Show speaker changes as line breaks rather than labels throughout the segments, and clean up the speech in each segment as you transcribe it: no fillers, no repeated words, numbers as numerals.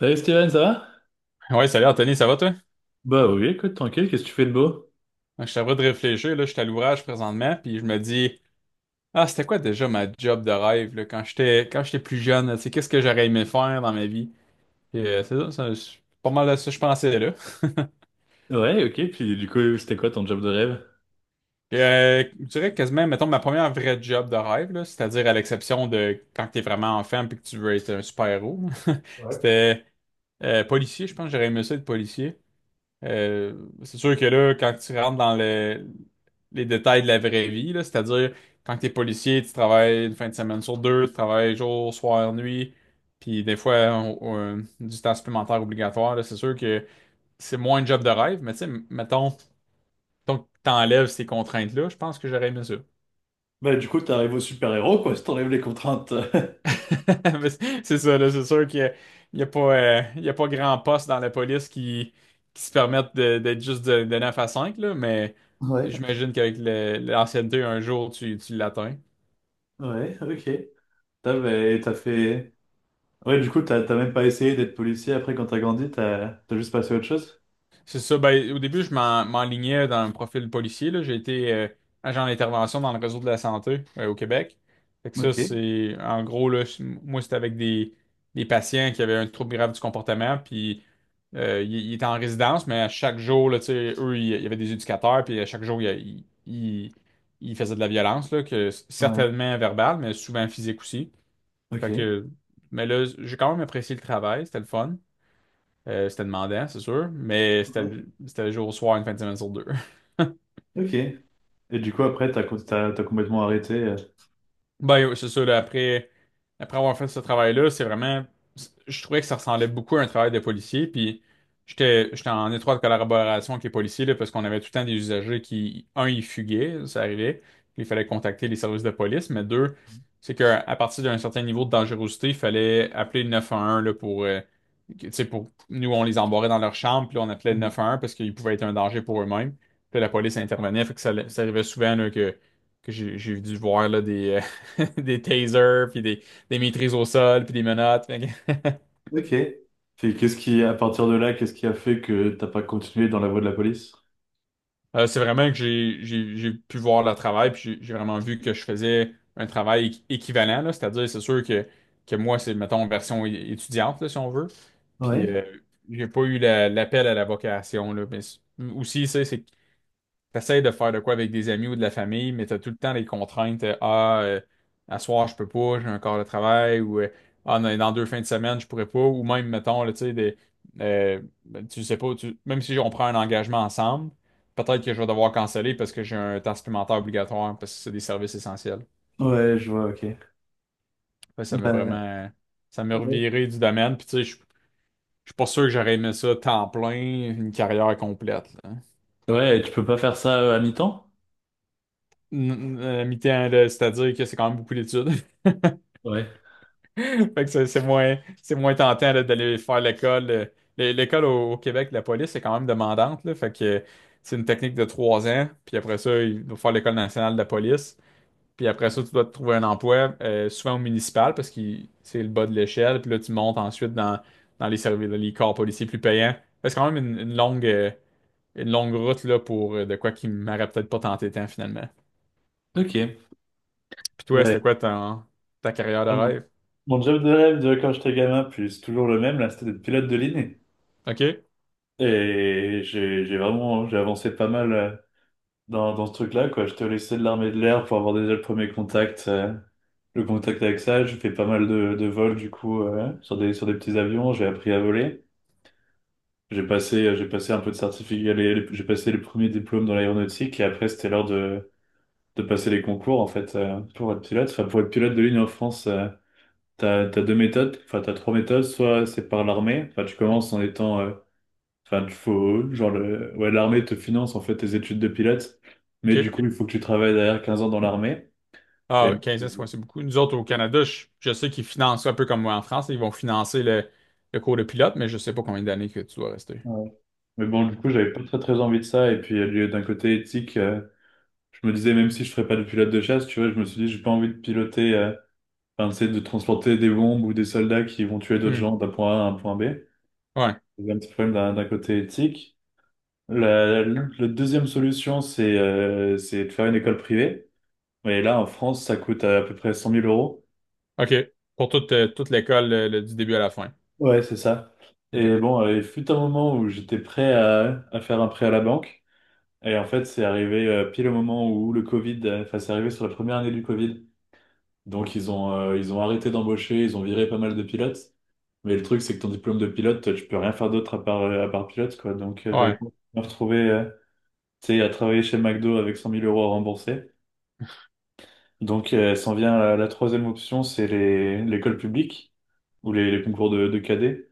Salut Steven, ça va?
Ouais, salut Anthony, ça va toi?
Bah oui, écoute, tranquille, qu'est-ce que tu fais de beau?
Je suis en de réfléchir, là, je suis à l'ouvrage présentement, puis je me dis, ah, c'était quoi déjà ma job de rêve, là, quand j'étais plus jeune, là, tu sais, qu'est-ce que j'aurais aimé faire dans ma vie? Puis, c'est ça. Ça, c'est pas mal à ça que je pensais, là.
Ouais, ok, puis du coup, c'était quoi ton job de rêve?
Puis, je dirais quasiment, mettons, ma première vraie job de rêve, là, c'est-à-dire à l'exception de quand t'es vraiment enfant puis que tu veux être un super-héros,
Ouais.
c'était policier, je pense que j'aurais aimé ça être policier. Euh, c'est sûr que là, quand tu rentres dans les détails de la vraie vie, là, c'est-à-dire quand tu es policier, tu travailles une fin de semaine sur deux, tu travailles jour, soir, nuit, puis des fois du temps supplémentaire obligatoire, là, c'est sûr que c'est moins un job de rêve, mais tu sais, mettons, donc t'enlèves ces contraintes-là, je pense que j'aurais aimé ça.
Bah du coup, t'arrives au super-héros, quoi, si t'enlèves les contraintes.
Mais c'est ça, là, c'est sûr qu'il y a pas grand poste dans la police qui se permettent d'être juste de 9 à 5 là, mais
Ouais.
j'imagine qu'avec l'ancienneté, un jour, tu l'atteins.
Ouais, ok. T'as, bah, t'as fait. Ouais, du coup, t'as même pas essayé d'être policier après quand t'as grandi, t'as juste passé à autre chose?
C'est ça, ben, au début, je m'enlignais dans un profil policier, là. J'ai été agent d'intervention dans le réseau de la santé au Québec. Fait que ça,
Ok.
c'est, en gros, là, moi, c'était avec des patients qui avaient un trouble grave du comportement. Puis Il était en résidence, mais à chaque jour, là, tu sais, eux, il y avait des éducateurs, puis à chaque jour, il faisait de la violence, là, que
Ouais.
certainement verbale, mais souvent physique aussi. Fait
Ok.
que, mais là, j'ai quand même apprécié le travail, c'était le fun. C'était demandant, c'est sûr, mais c'était
Ouais.
c'était le jour au soir, une fin de semaine sur deux.
Ok. Et du coup, après, t'as complètement arrêté.
Ben, ouais, c'est sûr, après avoir fait ce travail-là, c'est vraiment, je trouvais que ça ressemblait beaucoup à un travail de policier, puis j'étais en étroite collaboration avec les policiers, là, parce qu'on avait tout le temps des usagers qui, un, ils fuguaient, ça arrivait, il fallait contacter les services de police, mais deux, c'est qu'à partir d'un certain niveau de dangerosité, il fallait appeler le 911, là, pour, tu sais, pour, nous, on les embarrait dans leur chambre, puis là, on appelait le
Ouais.
911 parce qu'ils pouvaient être un danger pour eux-mêmes, puis la police intervenait, fait que ça arrivait souvent, là, que j'ai dû voir là, des, des tasers, puis des maîtrises au sol, puis des menottes.
Ok. Puis qu'est-ce qui, à partir de là, qu'est-ce qui a fait que t'as pas continué dans la voie de la police?
C'est vraiment que j'ai pu voir leur travail, puis j'ai vraiment vu que je faisais un travail équivalent, là. C'est-à-dire, c'est sûr que moi, c'est, mettons, version étudiante, là, si on veut.
Ouais.
Puis j'ai pas eu l'appel à la vocation, là. Mais aussi, ça, c'est T'essayes de faire de quoi avec des amis ou de la famille, mais t'as tout le temps les contraintes. À soir, je peux pas, j'ai un corps de travail, ou dans deux fins de semaine, je pourrais pas, ou même, mettons, là, tu sais, euh, ben, tu sais pas, même si on prend un engagement ensemble, peut-être que je vais devoir canceller parce que j'ai un temps supplémentaire obligatoire, parce que c'est des services essentiels.
Ouais, je vois, ok.
Fait que
Bah,
ça m'a
ouais.
reviré du domaine, puis tu sais, je suis pas sûr que j'aurais aimé ça temps plein, une carrière complète, là.
Ouais, tu peux pas faire ça à mi-temps?
N- mi-temps, là, c'est-à-dire que c'est quand même beaucoup d'études.
Ouais.
Fait que c'est moins, c'est moins tentant là, d'aller faire l'école. L'école au Québec, la police est quand même demandante, là. Fait que c'est une technique de 3 ans. Puis après ça, il faut faire l'école nationale de la police. Puis après ça, tu dois te trouver un emploi, souvent au municipal, parce que c'est le bas de l'échelle. Puis là, tu montes ensuite dans les services, les corps policiers plus payants. Fait que c'est quand même une longue route là, pour de quoi qui m'aurait peut-être pas tenté tant finalement.
Ok.
Puis toi,
Bah,
c'était quoi ta carrière de
ah bon.
rêve?
Mon job de rêve de quand j'étais gamin, puis c'est toujours le même, là, c'était d'être pilote de ligne.
OK?
Et j'ai vraiment, j'ai avancé pas mal dans, dans ce truc-là, quoi. J'étais au lycée de l'armée de l'air pour avoir déjà le premier contact, le contact avec ça. J'ai fait pas mal de vols, du coup, sur des petits avions. J'ai appris à voler. J'ai passé un peu de certificat, j'ai passé les premiers diplômes dans l'aéronautique. Et après, c'était l'heure de passer les concours en fait pour être pilote. Enfin, pour être pilote de ligne en France, t'as, t'as deux méthodes, enfin t'as trois méthodes. Soit c'est par l'armée, enfin tu commences en étant, enfin tu faut genre le, ouais l'armée te finance en fait tes études de pilote, mais du
OK.
coup il faut que tu travailles derrière 15 ans dans l'armée.
Ah,
Et
ouais, 15 ans, c'est ouais, c'est beaucoup. Nous autres, au Canada, je sais qu'ils financent ça un peu comme moi en France. Ils vont financer le cours de pilote, mais je sais pas combien d'années que tu dois rester.
ouais. Mais bon, du coup, j'avais pas très très envie de ça. Et puis, d'un côté éthique, je me disais, même si je ferais pas de pilote de chasse, tu vois, je me suis dit, j'ai pas envie de piloter, enfin, tu sais, de transporter des bombes ou des soldats qui vont tuer d'autres
Hmm.
gens d'un point A à un point B.
Ouais.
Il y a un petit problème d'un côté éthique. La deuxième solution, c'est de faire une école privée. Et là, en France, ça coûte à, peu près cent mille euros.
OK. Pour toute, toute l'école, du début à la fin.
Ouais, c'est ça.
OK.
Et bon, il fut un moment où j'étais prêt à faire un prêt à la banque. Et en fait, c'est arrivé pile au moment où le Covid, enfin, c'est arrivé sur la première année du Covid. Donc, ils ont arrêté d'embaucher, ils ont viré pas mal de pilotes. Mais le truc, c'est que ton diplôme de pilote, tu peux rien faire d'autre à part pilote, quoi. Donc, j'avais
Ouais.
pas me retrouver. Tu sais, il a travaillé chez McDo avec 100 000 € à rembourser. Donc, s'en vient la, la troisième option, c'est les, l'école publique ou les concours de cadets.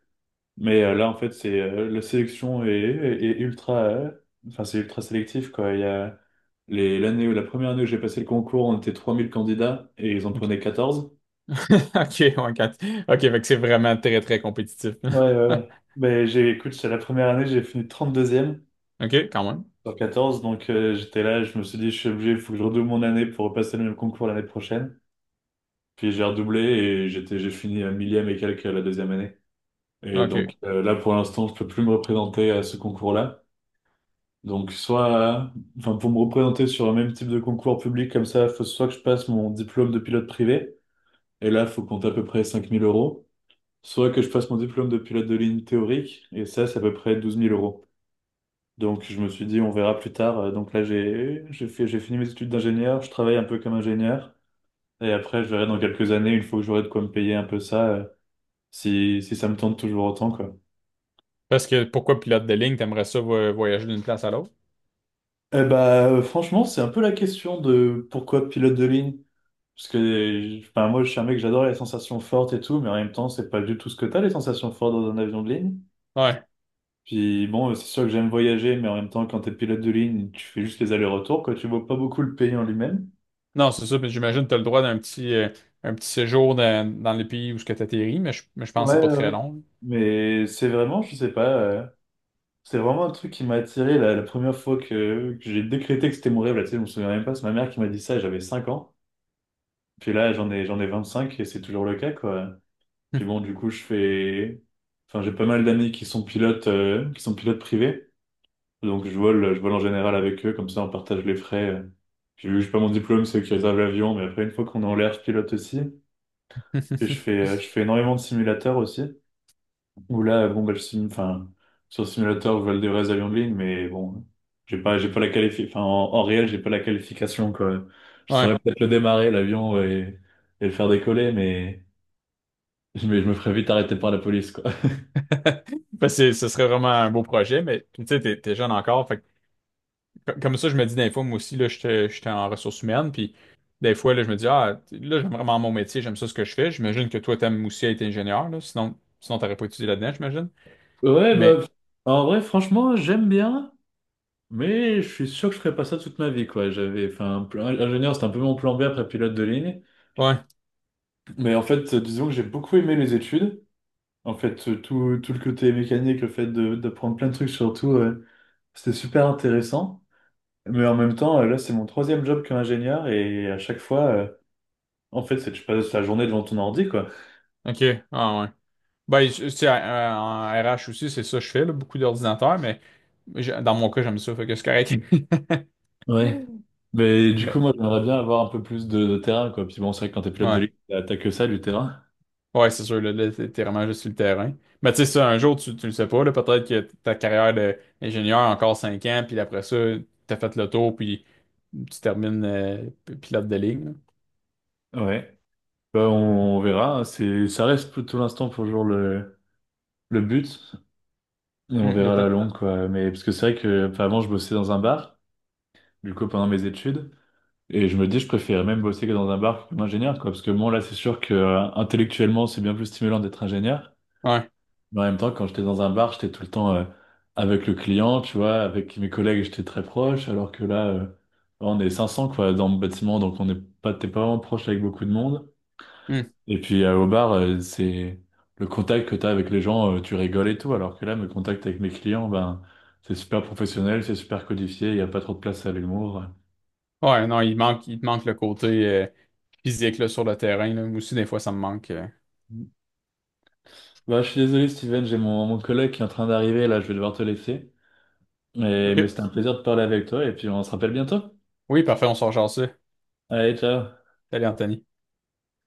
Mais là, en fait, c'est la sélection est, ultra, enfin, c'est ultra sélectif, quoi. Il y a les, l'année, la première année où j'ai passé le concours, on était 3 000 candidats et ils en
OK.
prenaient 14.
OK. Ouais, OK. Fait que c'est vraiment très, très compétitif.
Ouais, ouais, ouais. Mais j'ai, écoute, c'est la première année, j'ai fini trente deuxième
OK, quand même.
sur quatorze Donc, j'étais là, je me suis dit, je suis obligé, il faut que je redouble mon année pour repasser le même concours l'année prochaine. Puis j'ai redoublé et j'étais, j'ai fini à millième et quelques la deuxième année. Et
OK.
donc là, pour l'instant, je peux plus me représenter à ce concours-là. Donc soit, enfin pour me représenter sur un même type de concours public comme ça, faut soit que je passe mon diplôme de pilote privé, et là, faut compter à peu près 5000 euros, soit que je passe mon diplôme de pilote de ligne théorique, et ça, c'est à peu près douze mille euros. Donc je me suis dit, on verra plus tard. Donc là, j'ai fait, j'ai fini mes études d'ingénieur, je travaille un peu comme ingénieur, et après, je verrai dans quelques années, une fois que j'aurai de quoi me payer un peu ça. Si, si ça me tente toujours autant, quoi.
Parce que pourquoi pilote de ligne, t'aimerais ça voyager d'une place à l'autre?
Eh bah, franchement, c'est un peu la question de pourquoi pilote de ligne. Parce que enfin, moi, je suis un mec, j'adore les sensations fortes et tout, mais en même temps, c'est pas du tout ce que t'as, les sensations fortes dans un avion de ligne.
Ouais.
Puis bon, c'est sûr que j'aime voyager, mais en même temps, quand t'es pilote de ligne, tu fais juste les allers-retours, quoi. Tu vois pas beaucoup le pays en lui-même.
Non, c'est ça. Puis j'imagine que tu as le droit un petit séjour dans les pays où tu atterris, mais je pense que
Ouais,
c'est pas
ouais.
très
Ouais.
long.
Mais c'est vraiment, je sais pas, c'est vraiment un truc qui m'a attiré la, la première fois que j'ai décrété que c'était mon rêve, là, tu sais, je me souviens même pas, c'est ma mère qui m'a dit ça, j'avais 5 ans. Puis là, j'en ai 25 et c'est toujours le cas, quoi. Puis bon, du coup, je fais. Enfin, j'ai pas mal d'amis qui sont pilotes privés. Donc, je vole en général avec eux, comme ça, on partage les frais. Puis vu que j'ai pas mon diplôme, c'est eux qui réservent l'avion. Mais après, une fois qu'on est en l'air, je pilote aussi. Et je fais énormément de simulateurs aussi. Où là, bon, bah, enfin, sur simulateur, je vole des vrais avions de ligne, mais bon, j'ai pas la enfin, en, en réel, j'ai pas la qualification, quoi. Je
Ouais.
saurais peut-être le démarrer, l'avion, et le faire décoller, mais... Mais je me ferais vite arrêter par la police, quoi.
Parce que ce serait vraiment un beau projet, mais tu sais, t'es jeune encore. Fait que comme ça, je me dis des fois, moi aussi, là, j'étais en ressources humaines, puis des fois, là, je me dis, ah, là, j'aime vraiment mon métier, j'aime ça ce que je fais. J'imagine que toi, t'aimes aussi être ingénieur, là, sinon t'aurais pas étudié là-dedans, j'imagine.
Ouais, bah,
Mais,
en vrai, franchement, j'aime bien, mais je suis sûr que je ferais pas ça toute ma vie, quoi. J'avais, ingénieur, c'était un peu mon plan B après pilote de ligne.
ouais,
Mais en fait, disons que j'ai beaucoup aimé les études. En fait, tout, tout le côté mécanique, d'apprendre plein de trucs, surtout, c'était super intéressant. Mais en même temps, là, c'est mon troisième job comme ingénieur, et à chaque fois, en fait, c'est que je passe la journée devant ton ordi, quoi.
ok, ah ouais. Ben, tu sais, en RH aussi, c'est ça que je fais, là, beaucoup d'ordinateurs, mais dans mon cas, j'aime ça, fait que c'est correct.
Mais du coup,
Mais,
moi, j'aimerais bien avoir un peu plus de terrain, quoi. Puis bon, c'est vrai que quand t'es pilote de
ouais.
ligne, t'as que ça, du terrain.
Ouais, c'est sûr, là, t'es vraiment juste sur le terrain. Mais tu sais, ça, un jour, tu le sais pas, là, peut-être que ta carrière d'ingénieur encore 5 ans, puis après ça, t'as fait le tour, puis tu termines pilote de ligne. Là.
Ouais. Bah, on verra, hein. C'est, ça reste pour tout l'instant pour le jour le but. Et on
Hum, le
verra à la
temps-
longue, quoi. Mais parce que c'est vrai que, enfin, avant, je bossais dans un bar, du coup, pendant mes études. Et je me dis, je préférais même bosser que dans un bar comme ingénieur, quoi. Parce que bon, là, c'est sûr que intellectuellement, c'est bien plus stimulant d'être ingénieur.
Ouais.
Mais en même temps, quand j'étais dans un bar, j'étais tout le temps avec le client, tu vois, avec mes collègues, j'étais très proche, alors que là, on est 500 quoi, dans le bâtiment, donc on n'est pas, t'es pas vraiment proche avec beaucoup de monde.
Hum.
Et puis au bar, c'est le contact que t'as avec les gens, tu rigoles et tout, alors que là, mes contacts avec mes clients, ben, c'est super professionnel, c'est super codifié, il n'y a pas trop de place à l'humour.
Ouais, non, il te manque le côté physique là, sur le terrain. Là. Moi aussi, des fois, ça me manque.
Bah, je suis désolé, Steven, j'ai mon, mon collègue qui est en train d'arriver, là, je vais devoir te laisser. Mais
OK.
c'était un plaisir de parler avec toi, et puis on se rappelle bientôt.
Oui, parfait, on sort genre ça.
Allez, ciao!
Salut, Anthony.